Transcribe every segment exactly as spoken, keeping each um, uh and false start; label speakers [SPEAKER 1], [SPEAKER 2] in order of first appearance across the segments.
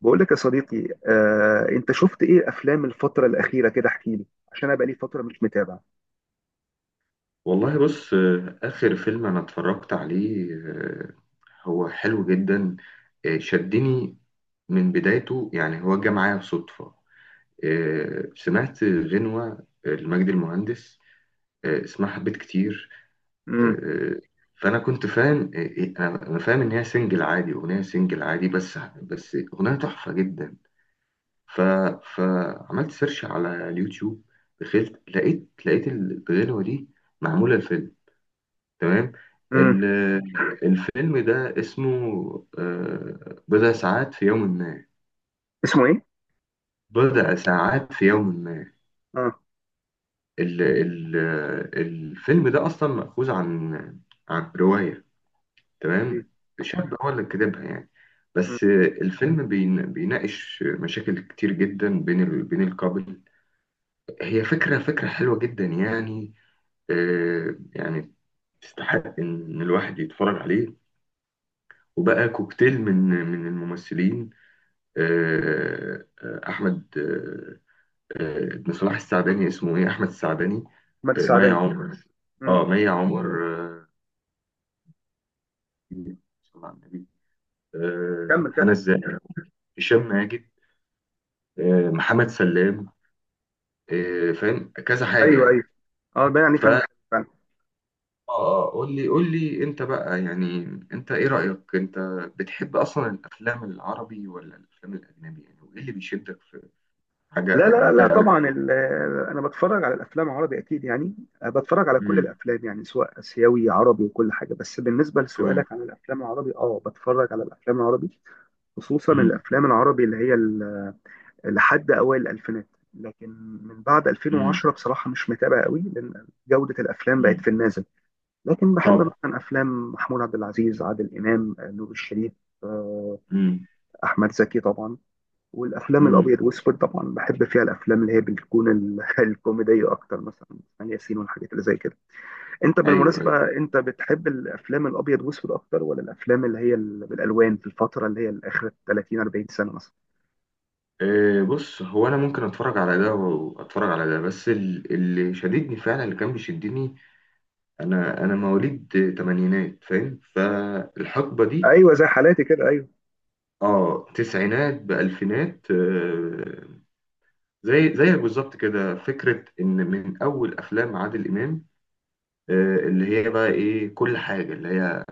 [SPEAKER 1] بقول لك يا صديقي آه، انت شفت ايه افلام الفتره الاخيره كده احكي لي عشان انا بقالي فتره مش متابع.
[SPEAKER 2] والله بص، آه، آخر فيلم أنا اتفرجت عليه، آه، هو حلو جدا. آه، شدني من بدايته، يعني هو جه معايا صدفة. آه، سمعت غنوة آه، لمجد المهندس، آه، اسمها حبيت كتير.
[SPEAKER 1] امم
[SPEAKER 2] آه، فأنا كنت فاهم، آه، آه، أنا أنا فاهم إن هي سنجل عادي، أغنية سنجل عادي، بس بس أغنية تحفة جدا. ف... فعملت سيرش على اليوتيوب. دخلت، لقيت لقيت الغنوة دي معمولة الفيلم. تمام.
[SPEAKER 1] امم
[SPEAKER 2] ال- الفيلم ده اسمه آه، بضع ساعات في يوم ما.
[SPEAKER 1] اسمه ايه؟
[SPEAKER 2] بضع ساعات في يوم ما.
[SPEAKER 1] اه،
[SPEAKER 2] ال ال الفيلم ده أصلا مأخوذ عن عن رواية.
[SPEAKER 1] ايه؟
[SPEAKER 2] تمام. شاب هو اللي كاتبها يعني،
[SPEAKER 1] مم.
[SPEAKER 2] بس. الفيلم بين- بيناقش مشاكل كتير جدا بين ال- بين الكابل. هي فكرة، فكرة حلوة جدا يعني، آه، يعني تستحق إن الواحد يتفرج عليه. وبقى كوكتيل من من الممثلين. آه، آه، احمد، آه، آه، ابن صلاح السعداني اسمه ايه، احمد السعداني.
[SPEAKER 1] احمد
[SPEAKER 2] آه، مي
[SPEAKER 1] السعداني.
[SPEAKER 2] عمر.
[SPEAKER 1] امم.
[SPEAKER 2] اه، مي عمر. آه، صلى على النبي.
[SPEAKER 1] كمل
[SPEAKER 2] آه،
[SPEAKER 1] كمل.
[SPEAKER 2] هنا الزاهر. هشام ماجد. آه، محمد سلام. آه، فاهم كذا حاجه
[SPEAKER 1] ايوه
[SPEAKER 2] يعني.
[SPEAKER 1] ايوه. اه، ده يعني
[SPEAKER 2] ف
[SPEAKER 1] فيلم
[SPEAKER 2] اه
[SPEAKER 1] حلو فعلا.
[SPEAKER 2] آه، قول لي قول لي انت بقى يعني. انت ايه رايك انت؟ بتحب اصلا الافلام العربي ولا الافلام الاجنبي؟ يعني وايه اللي بيشدك في
[SPEAKER 1] لا
[SPEAKER 2] حاجه
[SPEAKER 1] لا
[SPEAKER 2] من ده
[SPEAKER 1] لا
[SPEAKER 2] قوي؟
[SPEAKER 1] طبعا، ال- آه، انا بتفرج على الافلام عربي اكيد يعني. آه، بتفرج على كل
[SPEAKER 2] امم.
[SPEAKER 1] الافلام يعني سواء اسيوي عربي وكل حاجه، بس بالنسبه
[SPEAKER 2] تمام.
[SPEAKER 1] لسؤالك عن الافلام العربي، اه بتفرج على الافلام العربي، خصوصا
[SPEAKER 2] امم.
[SPEAKER 1] الافلام العربي اللي هي لحد اوائل الالفينات. لكن من بعد
[SPEAKER 2] امم.
[SPEAKER 1] ألفين وعشرة بصراحه مش متابع قوي، لان جوده الافلام بقت
[SPEAKER 2] امم.
[SPEAKER 1] في النازل. لكن بحب
[SPEAKER 2] طبعا.
[SPEAKER 1] مثلا افلام محمود عبد العزيز، عادل امام، آه، نور الشريف، آه،
[SPEAKER 2] امم.
[SPEAKER 1] احمد زكي طبعا. والافلام
[SPEAKER 2] امم.
[SPEAKER 1] الابيض واسود طبعا بحب فيها الافلام اللي هي بتكون ال- الكوميديه اكتر، مثلا اسماعيل ياسين والحاجات اللي زي كده. انت
[SPEAKER 2] ايوه، ايوه.
[SPEAKER 1] بالمناسبه، انت بتحب الافلام الابيض واسود اكتر ولا الافلام اللي هي ال- بالالوان في الفتره اللي هي اخر تلاتين اربعين سنه مثلا؟
[SPEAKER 2] أه بص، هو انا ممكن اتفرج على ده واتفرج على ده، بس ال- اللي شددني فعلا، اللي كان بيشدني، انا انا مواليد تمانينات، فاهم؟ فالحقبه دي،
[SPEAKER 1] ايوه زي حالاتي كده، أيوة.
[SPEAKER 2] اه، تسعينات بالفينات، آه زي زيك بالظبط كده. فكره ان من اول افلام عادل امام، آه، اللي هي بقى ايه، كل حاجه اللي هي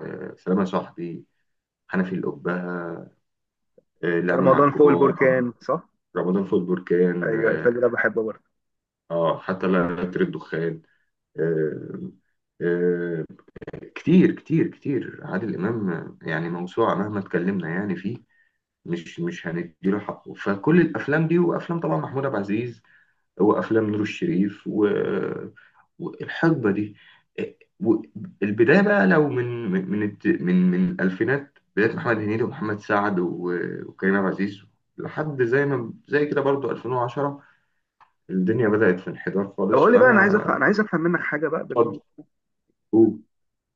[SPEAKER 2] آه، سلام يا صاحبي، حنفي الأبهة، آه لعبه مع
[SPEAKER 1] رمضان فوق
[SPEAKER 2] الكبار، آه،
[SPEAKER 1] البركان، صح؟
[SPEAKER 2] رمضان في البركان،
[SPEAKER 1] ايوه، الفيلم ده بحبه برضه.
[SPEAKER 2] اه حتى لا، لا تريد دخان، آه، آه. كتير كتير كتير عادل إمام، يعني موسوعة مهما اتكلمنا يعني فيه. مش مش هنديله حقه. فكل الأفلام دي، وأفلام طبعا محمود عبد العزيز، وأفلام نور الشريف و والحقبة دي، آه، والبداية بقى لو من من من الت- من من الألفينات، بداية محمد هنيدي ومحمد سعد و- وكريم عبد العزيز، لحد زي ما زي كده برضو ألفين وعشرة. الدنيا بدأت في انحدار
[SPEAKER 1] طب
[SPEAKER 2] خالص،
[SPEAKER 1] قول لي بقى، انا عايز افهم،
[SPEAKER 2] فأنا،
[SPEAKER 1] انا عايز افهم منك حاجه بقى، بما انك
[SPEAKER 2] هو.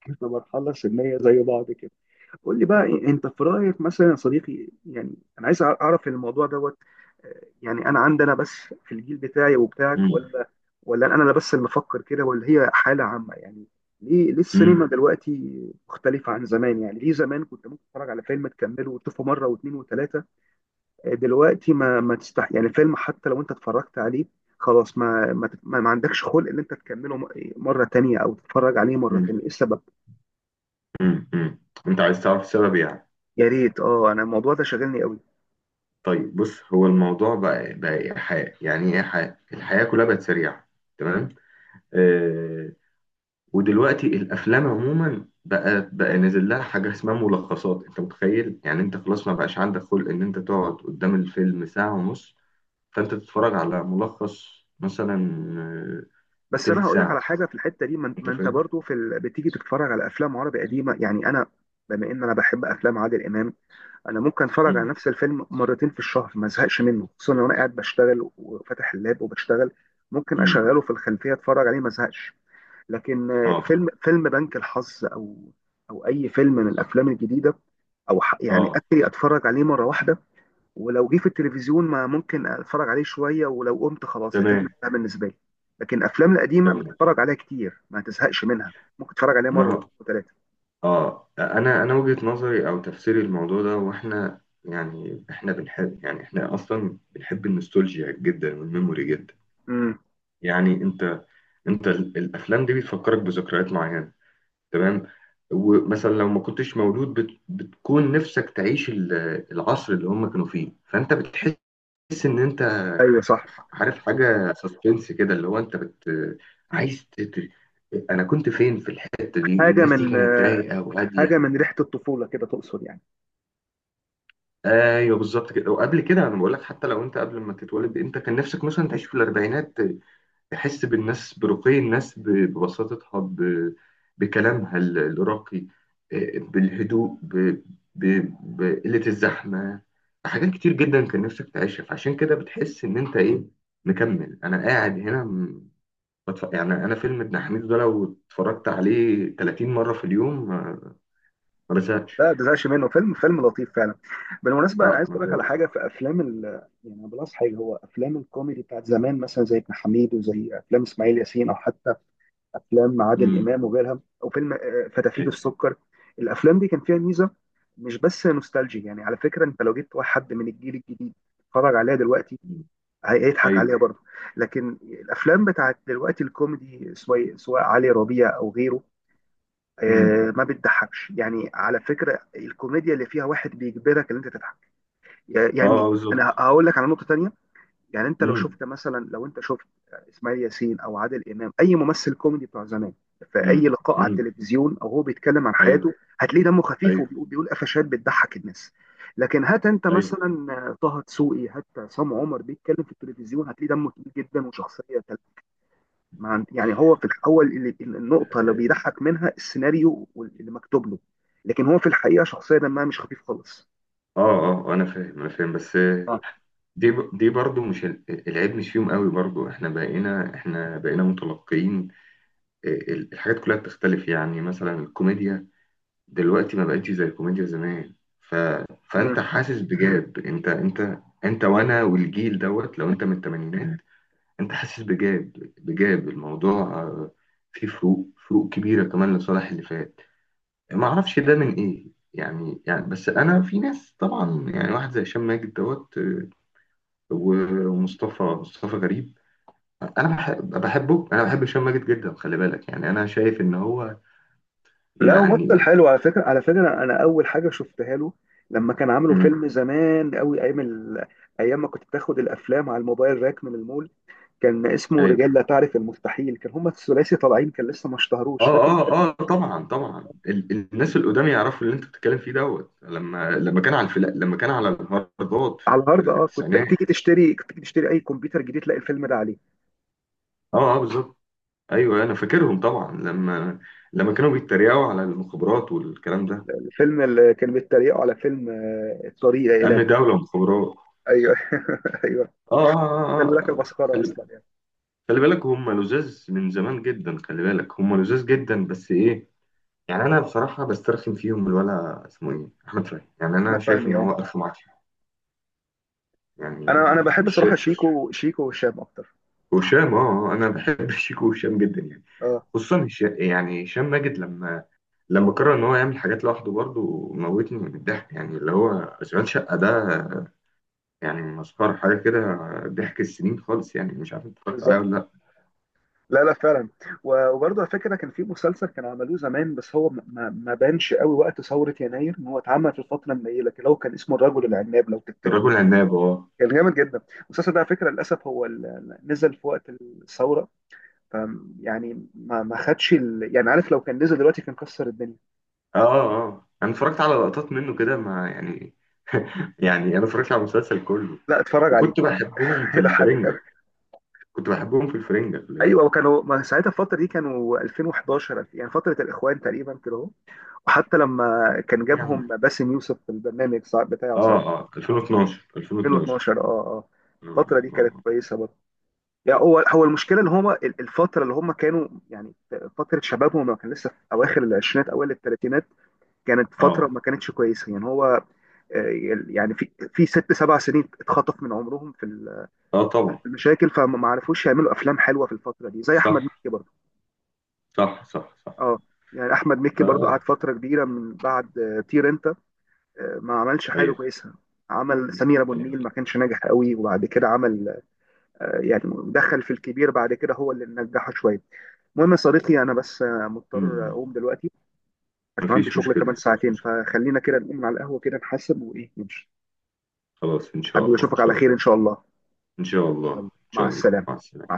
[SPEAKER 1] في مرحله سنيه زي بعض كده، قول لي بقى إيه- انت في رايك مثلا يا صديقي، يعني انا عايز أع- اعرف الموضوع دوت. آه، يعني انا عندنا بس، في الجيل بتاعي وبتاعك،
[SPEAKER 2] مم.
[SPEAKER 1] ولا ولا انا اللي بس اللي بفكر كده، ولا هي حاله عامه يعني؟ ليه ليه السينما
[SPEAKER 2] مم.
[SPEAKER 1] دلوقتي مختلفه عن زمان؟ يعني ليه زمان كنت ممكن تتفرج على فيلم تكمله وتشوفه مره واثنين وثلاثه، دلوقتي ما ما تستح يعني الفيلم حتى لو انت اتفرجت عليه، خلاص ما ما, ما ما عندكش خلق ان انت تكمله م- مره تانية او تتفرج عليه مره
[SPEAKER 2] مم.
[SPEAKER 1] تانية. ايه السبب؟
[SPEAKER 2] مم. مم. انت عايز تعرف السبب يعني؟
[SPEAKER 1] يا ريت، اه انا الموضوع ده شاغلني قوي.
[SPEAKER 2] طيب، بص، هو الموضوع بقى بقى إيحاء يعني ايه، إيحاء الحياة كلها بقت سريعة. تمام. آه ودلوقتي الافلام عموما بقى بقى نازل لها حاجة اسمها ملخصات. انت متخيل؟ يعني انت خلاص ما بقاش عندك خلق ان انت تقعد قدام الفيلم ساعة ونص، فانت تتفرج على ملخص مثلا، آه،
[SPEAKER 1] بس
[SPEAKER 2] تلت
[SPEAKER 1] انا هقول لك على
[SPEAKER 2] ساعة،
[SPEAKER 1] حاجه في الحته دي، ما,
[SPEAKER 2] انت
[SPEAKER 1] ما انت
[SPEAKER 2] فاهم.
[SPEAKER 1] برضو في ال... بتيجي تتفرج على افلام عربي قديمه، يعني انا بما ان انا بحب افلام عادل امام، انا ممكن اتفرج على
[SPEAKER 2] مم.
[SPEAKER 1] نفس الفيلم مرتين في الشهر ما ازهقش منه، خصوصا لو انا قاعد بشتغل وفاتح اللاب وبشتغل، ممكن
[SPEAKER 2] مم.
[SPEAKER 1] اشغله في الخلفيه اتفرج عليه ما ازهقش. لكن آه،
[SPEAKER 2] اه،
[SPEAKER 1] فيلم فيلم بنك الحظ، او او اي فيلم من الافلام الجديده، او ح- يعني
[SPEAKER 2] اه.
[SPEAKER 1] اخري، اتفرج عليه مره واحده، ولو جه في التلفزيون ما ممكن اتفرج عليه شويه، ولو قمت خلاص الفيلم
[SPEAKER 2] تمام،
[SPEAKER 1] ده بالنسبه لي. لكن الافلام القديمه
[SPEAKER 2] تمام.
[SPEAKER 1] بتتفرج عليها كتير ما تزهقش منها، ممكن تتفرج عليها مره
[SPEAKER 2] ما
[SPEAKER 1] وثلاثه.
[SPEAKER 2] اه انا انا وجهة نظري او تفسيري الموضوع ده، واحنا يعني، احنا بنحب، يعني احنا اصلا بنحب النوستالجيا جدا والميموري جدا.
[SPEAKER 1] امم.
[SPEAKER 2] يعني انت انت ال- الافلام دي بتفكرك بذكريات معينة، تمام. ومثلا لو ما كنتش مولود، بت بتكون نفسك تعيش ال- العصر اللي هم كانوا فيه، فانت بتحس ان انت،
[SPEAKER 1] ايوه صح.
[SPEAKER 2] عارف، حاجة سسبنس كده، اللي هو انت بت عايز تت... انا كنت فين في الحتة دي،
[SPEAKER 1] حاجه
[SPEAKER 2] الناس دي
[SPEAKER 1] من
[SPEAKER 2] كانت
[SPEAKER 1] آه،
[SPEAKER 2] رايقة وهادية.
[SPEAKER 1] حاجه من ريحه الطفوله كده تقصد يعني؟
[SPEAKER 2] ايوه، بالظبط كده. وقبل كده انا بقول لك، حتى لو انت قبل ما تتولد، انت كان نفسك مثلا تعيش في الاربعينات. تحس بالناس، برقي الناس، ب- ببساطتها، ب... بكلامها ال- الراقي، آه، بالهدوء، ب... ب... بقلة الزحمة. حاجات كتير جدا كان نفسك تعيشها، فعشان كده بتحس ان انت ايه، مكمل انا قاعد هنا. م- بتف... يعني انا فيلم ابن حميد ده لو اتفرجت عليه ثلاثين مرة في اليوم، ما ما
[SPEAKER 1] لا
[SPEAKER 2] بزهقش.
[SPEAKER 1] ما تزهقش منه، فيلم فيلم لطيف فعلا. بالمناسبه انا
[SPEAKER 2] اه،
[SPEAKER 1] عايز
[SPEAKER 2] ما
[SPEAKER 1] اقول لك على
[SPEAKER 2] بقول.
[SPEAKER 1] حاجه في افلام ال... يعني أنا بلاحظ حاجه، هو افلام الكوميدي بتاعت زمان مثلا زي ابن حميد وزي افلام اسماعيل ياسين، او حتى افلام عادل
[SPEAKER 2] امم.
[SPEAKER 1] امام وغيرها، او فيلم آه، فتافيت
[SPEAKER 2] ايوه.
[SPEAKER 1] السكر، الافلام دي كان فيها ميزه، مش بس نوستالجي. يعني على فكره انت لو جبت واحد من الجيل الجديد اتفرج عليها دلوقتي،
[SPEAKER 2] مم.
[SPEAKER 1] هي- هيضحك
[SPEAKER 2] ايوه.
[SPEAKER 1] عليها برضه. لكن الافلام بتاعت دلوقتي الكوميدي، سواء سواء علي ربيع او غيره، آه، ما بتضحكش، يعني على فكره الكوميديا اللي فيها واحد بيجبرك ان انت تضحك
[SPEAKER 2] اه،
[SPEAKER 1] يعني.
[SPEAKER 2] آه،
[SPEAKER 1] انا
[SPEAKER 2] بالظبط.
[SPEAKER 1] هقول لك على نقطه تانية، يعني انت لو
[SPEAKER 2] امم.
[SPEAKER 1] شفت مثلا، لو انت شفت اسماعيل ياسين او عادل امام، اي ممثل كوميدي بتاع زمان، في اي
[SPEAKER 2] امم.
[SPEAKER 1] لقاء على
[SPEAKER 2] امم.
[SPEAKER 1] التلفزيون او هو بيتكلم عن
[SPEAKER 2] ايوه،
[SPEAKER 1] حياته، هتلاقيه دمه خفيف
[SPEAKER 2] ايوه،
[SPEAKER 1] وبيقول بيقول قفشات بتضحك الناس. لكن هات انت
[SPEAKER 2] ايوه.
[SPEAKER 1] مثلا طه دسوقي، هات عصام عمر بيتكلم في التلفزيون، هتلاقيه دمه تقيل جدا وشخصيه ما عند... يعني هو في الاول اللي النقطه اللي بيضحك منها السيناريو اللي مكتوب له، لكن هو في الحقيقه شخصيه دمها مش خفيف خالص.
[SPEAKER 2] اه، اه، آه، انا فاهم، انا فاهم، بس
[SPEAKER 1] آه.
[SPEAKER 2] دي، ب- دي برضو، مش ال- العيب مش فيهم قوي. برضو احنا بقينا، احنا بقينا متلقيين. آه، ال- الحاجات كلها بتختلف يعني. مثلا الكوميديا دلوقتي ما بقتش زي الكوميديا زمان، ف
[SPEAKER 1] مم.
[SPEAKER 2] فانت حاسس بجاب. انت، انت انت وانا والجيل دوت، لو انت من الثمانينات انت حاسس بجاب، بجاب الموضوع، آه، فيه فروق، فروق كبيرة كمان لصالح اللي فات. ما اعرفش ده من ايه يعني، يعني بس انا، في ناس طبعا، يعني واحد زي هشام ماجد دوت، آه، و- ومصطفى، مصطفى غريب، انا بحب، بحبه، انا بحب هشام ماجد جدا، خلي بالك. يعني انا شايف ان هو،
[SPEAKER 1] لا هو ممثل
[SPEAKER 2] يعني.
[SPEAKER 1] حلو على فكره، على فكره انا اول حاجه شفتها له، لما كان عامله
[SPEAKER 2] مم.
[SPEAKER 1] فيلم زمان قوي ايام ال... ايام ما كنت بتاخد الافلام على الموبايل راك من المول، كان اسمه
[SPEAKER 2] ايوه.
[SPEAKER 1] رجال لا تعرف المستحيل، كان هما الثلاثي طالعين كان لسه ما
[SPEAKER 2] اه،
[SPEAKER 1] اشتهروش فاكر؟
[SPEAKER 2] اه، اه، طبعا، طبعا. ال- الناس القدام يعرفوا اللي انت بتتكلم فيه دوت، لما لما كان على الفلا لما كان على الهرجات في
[SPEAKER 1] على
[SPEAKER 2] في
[SPEAKER 1] الهارد، اه كنت
[SPEAKER 2] التسعينات.
[SPEAKER 1] تيجي تشتري كنت تيجي تشتري اي كمبيوتر جديد تلاقي الفيلم ده عليه.
[SPEAKER 2] اه، اه، بالظبط. ايوه، انا فاكرهم طبعا، لما لما كانوا بيتريقوا على المخابرات والكلام ده،
[SPEAKER 1] الفيلم اللي كان بيتريقوا على فيلم آه، طريق
[SPEAKER 2] امن
[SPEAKER 1] الى،
[SPEAKER 2] دوله ومخابرات.
[SPEAKER 1] ايوه. ايوه.
[SPEAKER 2] اه، اه،
[SPEAKER 1] خلي
[SPEAKER 2] اه،
[SPEAKER 1] بالك
[SPEAKER 2] آه.
[SPEAKER 1] البسخره
[SPEAKER 2] خلي
[SPEAKER 1] اصلا يعني.
[SPEAKER 2] خلي بالك، هم لزاز من زمان جدا. خلي بالك، هم لزاز جدا، بس ايه، يعني انا بصراحه بسترخم فيهم، الولا اسمه ايه، احمد فهمي، يعني
[SPEAKER 1] احمد
[SPEAKER 2] انا شايف
[SPEAKER 1] فهمي،
[SPEAKER 2] ان
[SPEAKER 1] اه.
[SPEAKER 2] هو الف معافيه يعني.
[SPEAKER 1] انا انا بحب
[SPEAKER 2] مش
[SPEAKER 1] صراحه
[SPEAKER 2] شايف؟
[SPEAKER 1] شيكو، شيكو وهشام اكتر.
[SPEAKER 2] هشام. اه، آه، انا بحب شيكو وهشام جدا يعني.
[SPEAKER 1] اه
[SPEAKER 2] خصوصا هشام، يعني هشام ماجد لما لما قرر ان هو يعمل حاجات لوحده، برضه موتني من الضحك، يعني اللي هو اشغال شقه ده، يعني مسخره حاجه كده. ضحك السنين خالص يعني. مش عارف انت اتفرجت عليها
[SPEAKER 1] بالظبط.
[SPEAKER 2] ولا لا؟
[SPEAKER 1] لا لا فعلا. و- وبرضه على فكره كان في مسلسل كانوا عملوه زمان، بس هو ما, ما ما بانش قوي وقت ثوره يناير، ان هو اتعمل في الفتره النيله كده، هو كان اسمه الرجل العناب لو تفتكروا،
[SPEAKER 2] الرجل عناب، اه.
[SPEAKER 1] كان جامد جدا. المسلسل ده على فكره للاسف هو ال- نزل في وقت الثوره، ف يعني ما ما خدش ال... يعني عارف، لو كان نزل دلوقتي كان كسر الدنيا.
[SPEAKER 2] اه، اه، اه، انا اتفرجت على لقطات منه كده، ما يعني، يعني انا اتفرجت على المسلسل كله.
[SPEAKER 1] لا اتفرج عليه
[SPEAKER 2] وكنت بحبهم في
[SPEAKER 1] هيضحكك.
[SPEAKER 2] الفرنجة. كنت بحبهم في الفرنجة، خلي بالك.
[SPEAKER 1] ايوه، وكانوا ما ساعتها الفتره دي كانوا ألفين وحداشر، يعني فتره الاخوان تقريبا كده اهو. وحتى لما كان جابهم
[SPEAKER 2] يعني
[SPEAKER 1] باسم يوسف في البرنامج ساع- بتاعه
[SPEAKER 2] اه،
[SPEAKER 1] ساعتها،
[SPEAKER 2] اه،
[SPEAKER 1] آه،
[SPEAKER 2] ألفين واتناشر، ألفين واتناشر.
[SPEAKER 1] ألفين واتناشر، اه اه.
[SPEAKER 2] اه،
[SPEAKER 1] الفتره دي كانت
[SPEAKER 2] اه،
[SPEAKER 1] كويسه برضه، يعني هو هو المشكله ان هم الفتره اللي هم كانوا، يعني فتره شبابهم لما كان لسه في اواخر العشرينات اوائل الثلاثينات، كانت فتره
[SPEAKER 2] آه،
[SPEAKER 1] ما كانتش كويسه يعني هو، آه، يعني في في ست سبع سنين اتخطف من عمرهم في ال-
[SPEAKER 2] آه،
[SPEAKER 1] فتره
[SPEAKER 2] طبعا.
[SPEAKER 1] المشاكل، فما ما عرفوش يعملوا افلام حلوه في الفتره دي زي احمد
[SPEAKER 2] صح،
[SPEAKER 1] مكي برضه.
[SPEAKER 2] صح، صح، صح،
[SPEAKER 1] اه، يعني احمد
[SPEAKER 2] ف
[SPEAKER 1] مكي برضو قعد فتره كبيره من بعد آه، طير انت، آه، ما عملش حاجه
[SPEAKER 2] ايوه،
[SPEAKER 1] كويسه. عمل سمير ابو
[SPEAKER 2] ايوه.
[SPEAKER 1] النيل ما كانش ناجح قوي، وبعد كده عمل آه، يعني دخل في الكبير بعد كده هو اللي نجحه شويه. المهم يا صديقي انا بس آه، مضطر
[SPEAKER 2] أمم.
[SPEAKER 1] اقوم دلوقتي، عشان عندي
[SPEAKER 2] مفيش
[SPEAKER 1] شغل كمان
[SPEAKER 2] مشكلة، مفيش
[SPEAKER 1] ساعتين،
[SPEAKER 2] مشكلة.
[SPEAKER 1] فخلينا كده نقوم على القهوه كده نحاسب وايه نمشي.
[SPEAKER 2] خلاص، ان شاء
[SPEAKER 1] حبيبي
[SPEAKER 2] الله، ان
[SPEAKER 1] اشوفك على
[SPEAKER 2] شاء
[SPEAKER 1] خير ان
[SPEAKER 2] الله،
[SPEAKER 1] شاء الله.
[SPEAKER 2] ان شاء الله، ان
[SPEAKER 1] يلا مع
[SPEAKER 2] شاء الله،
[SPEAKER 1] السلامه.
[SPEAKER 2] مع السلامة.
[SPEAKER 1] مع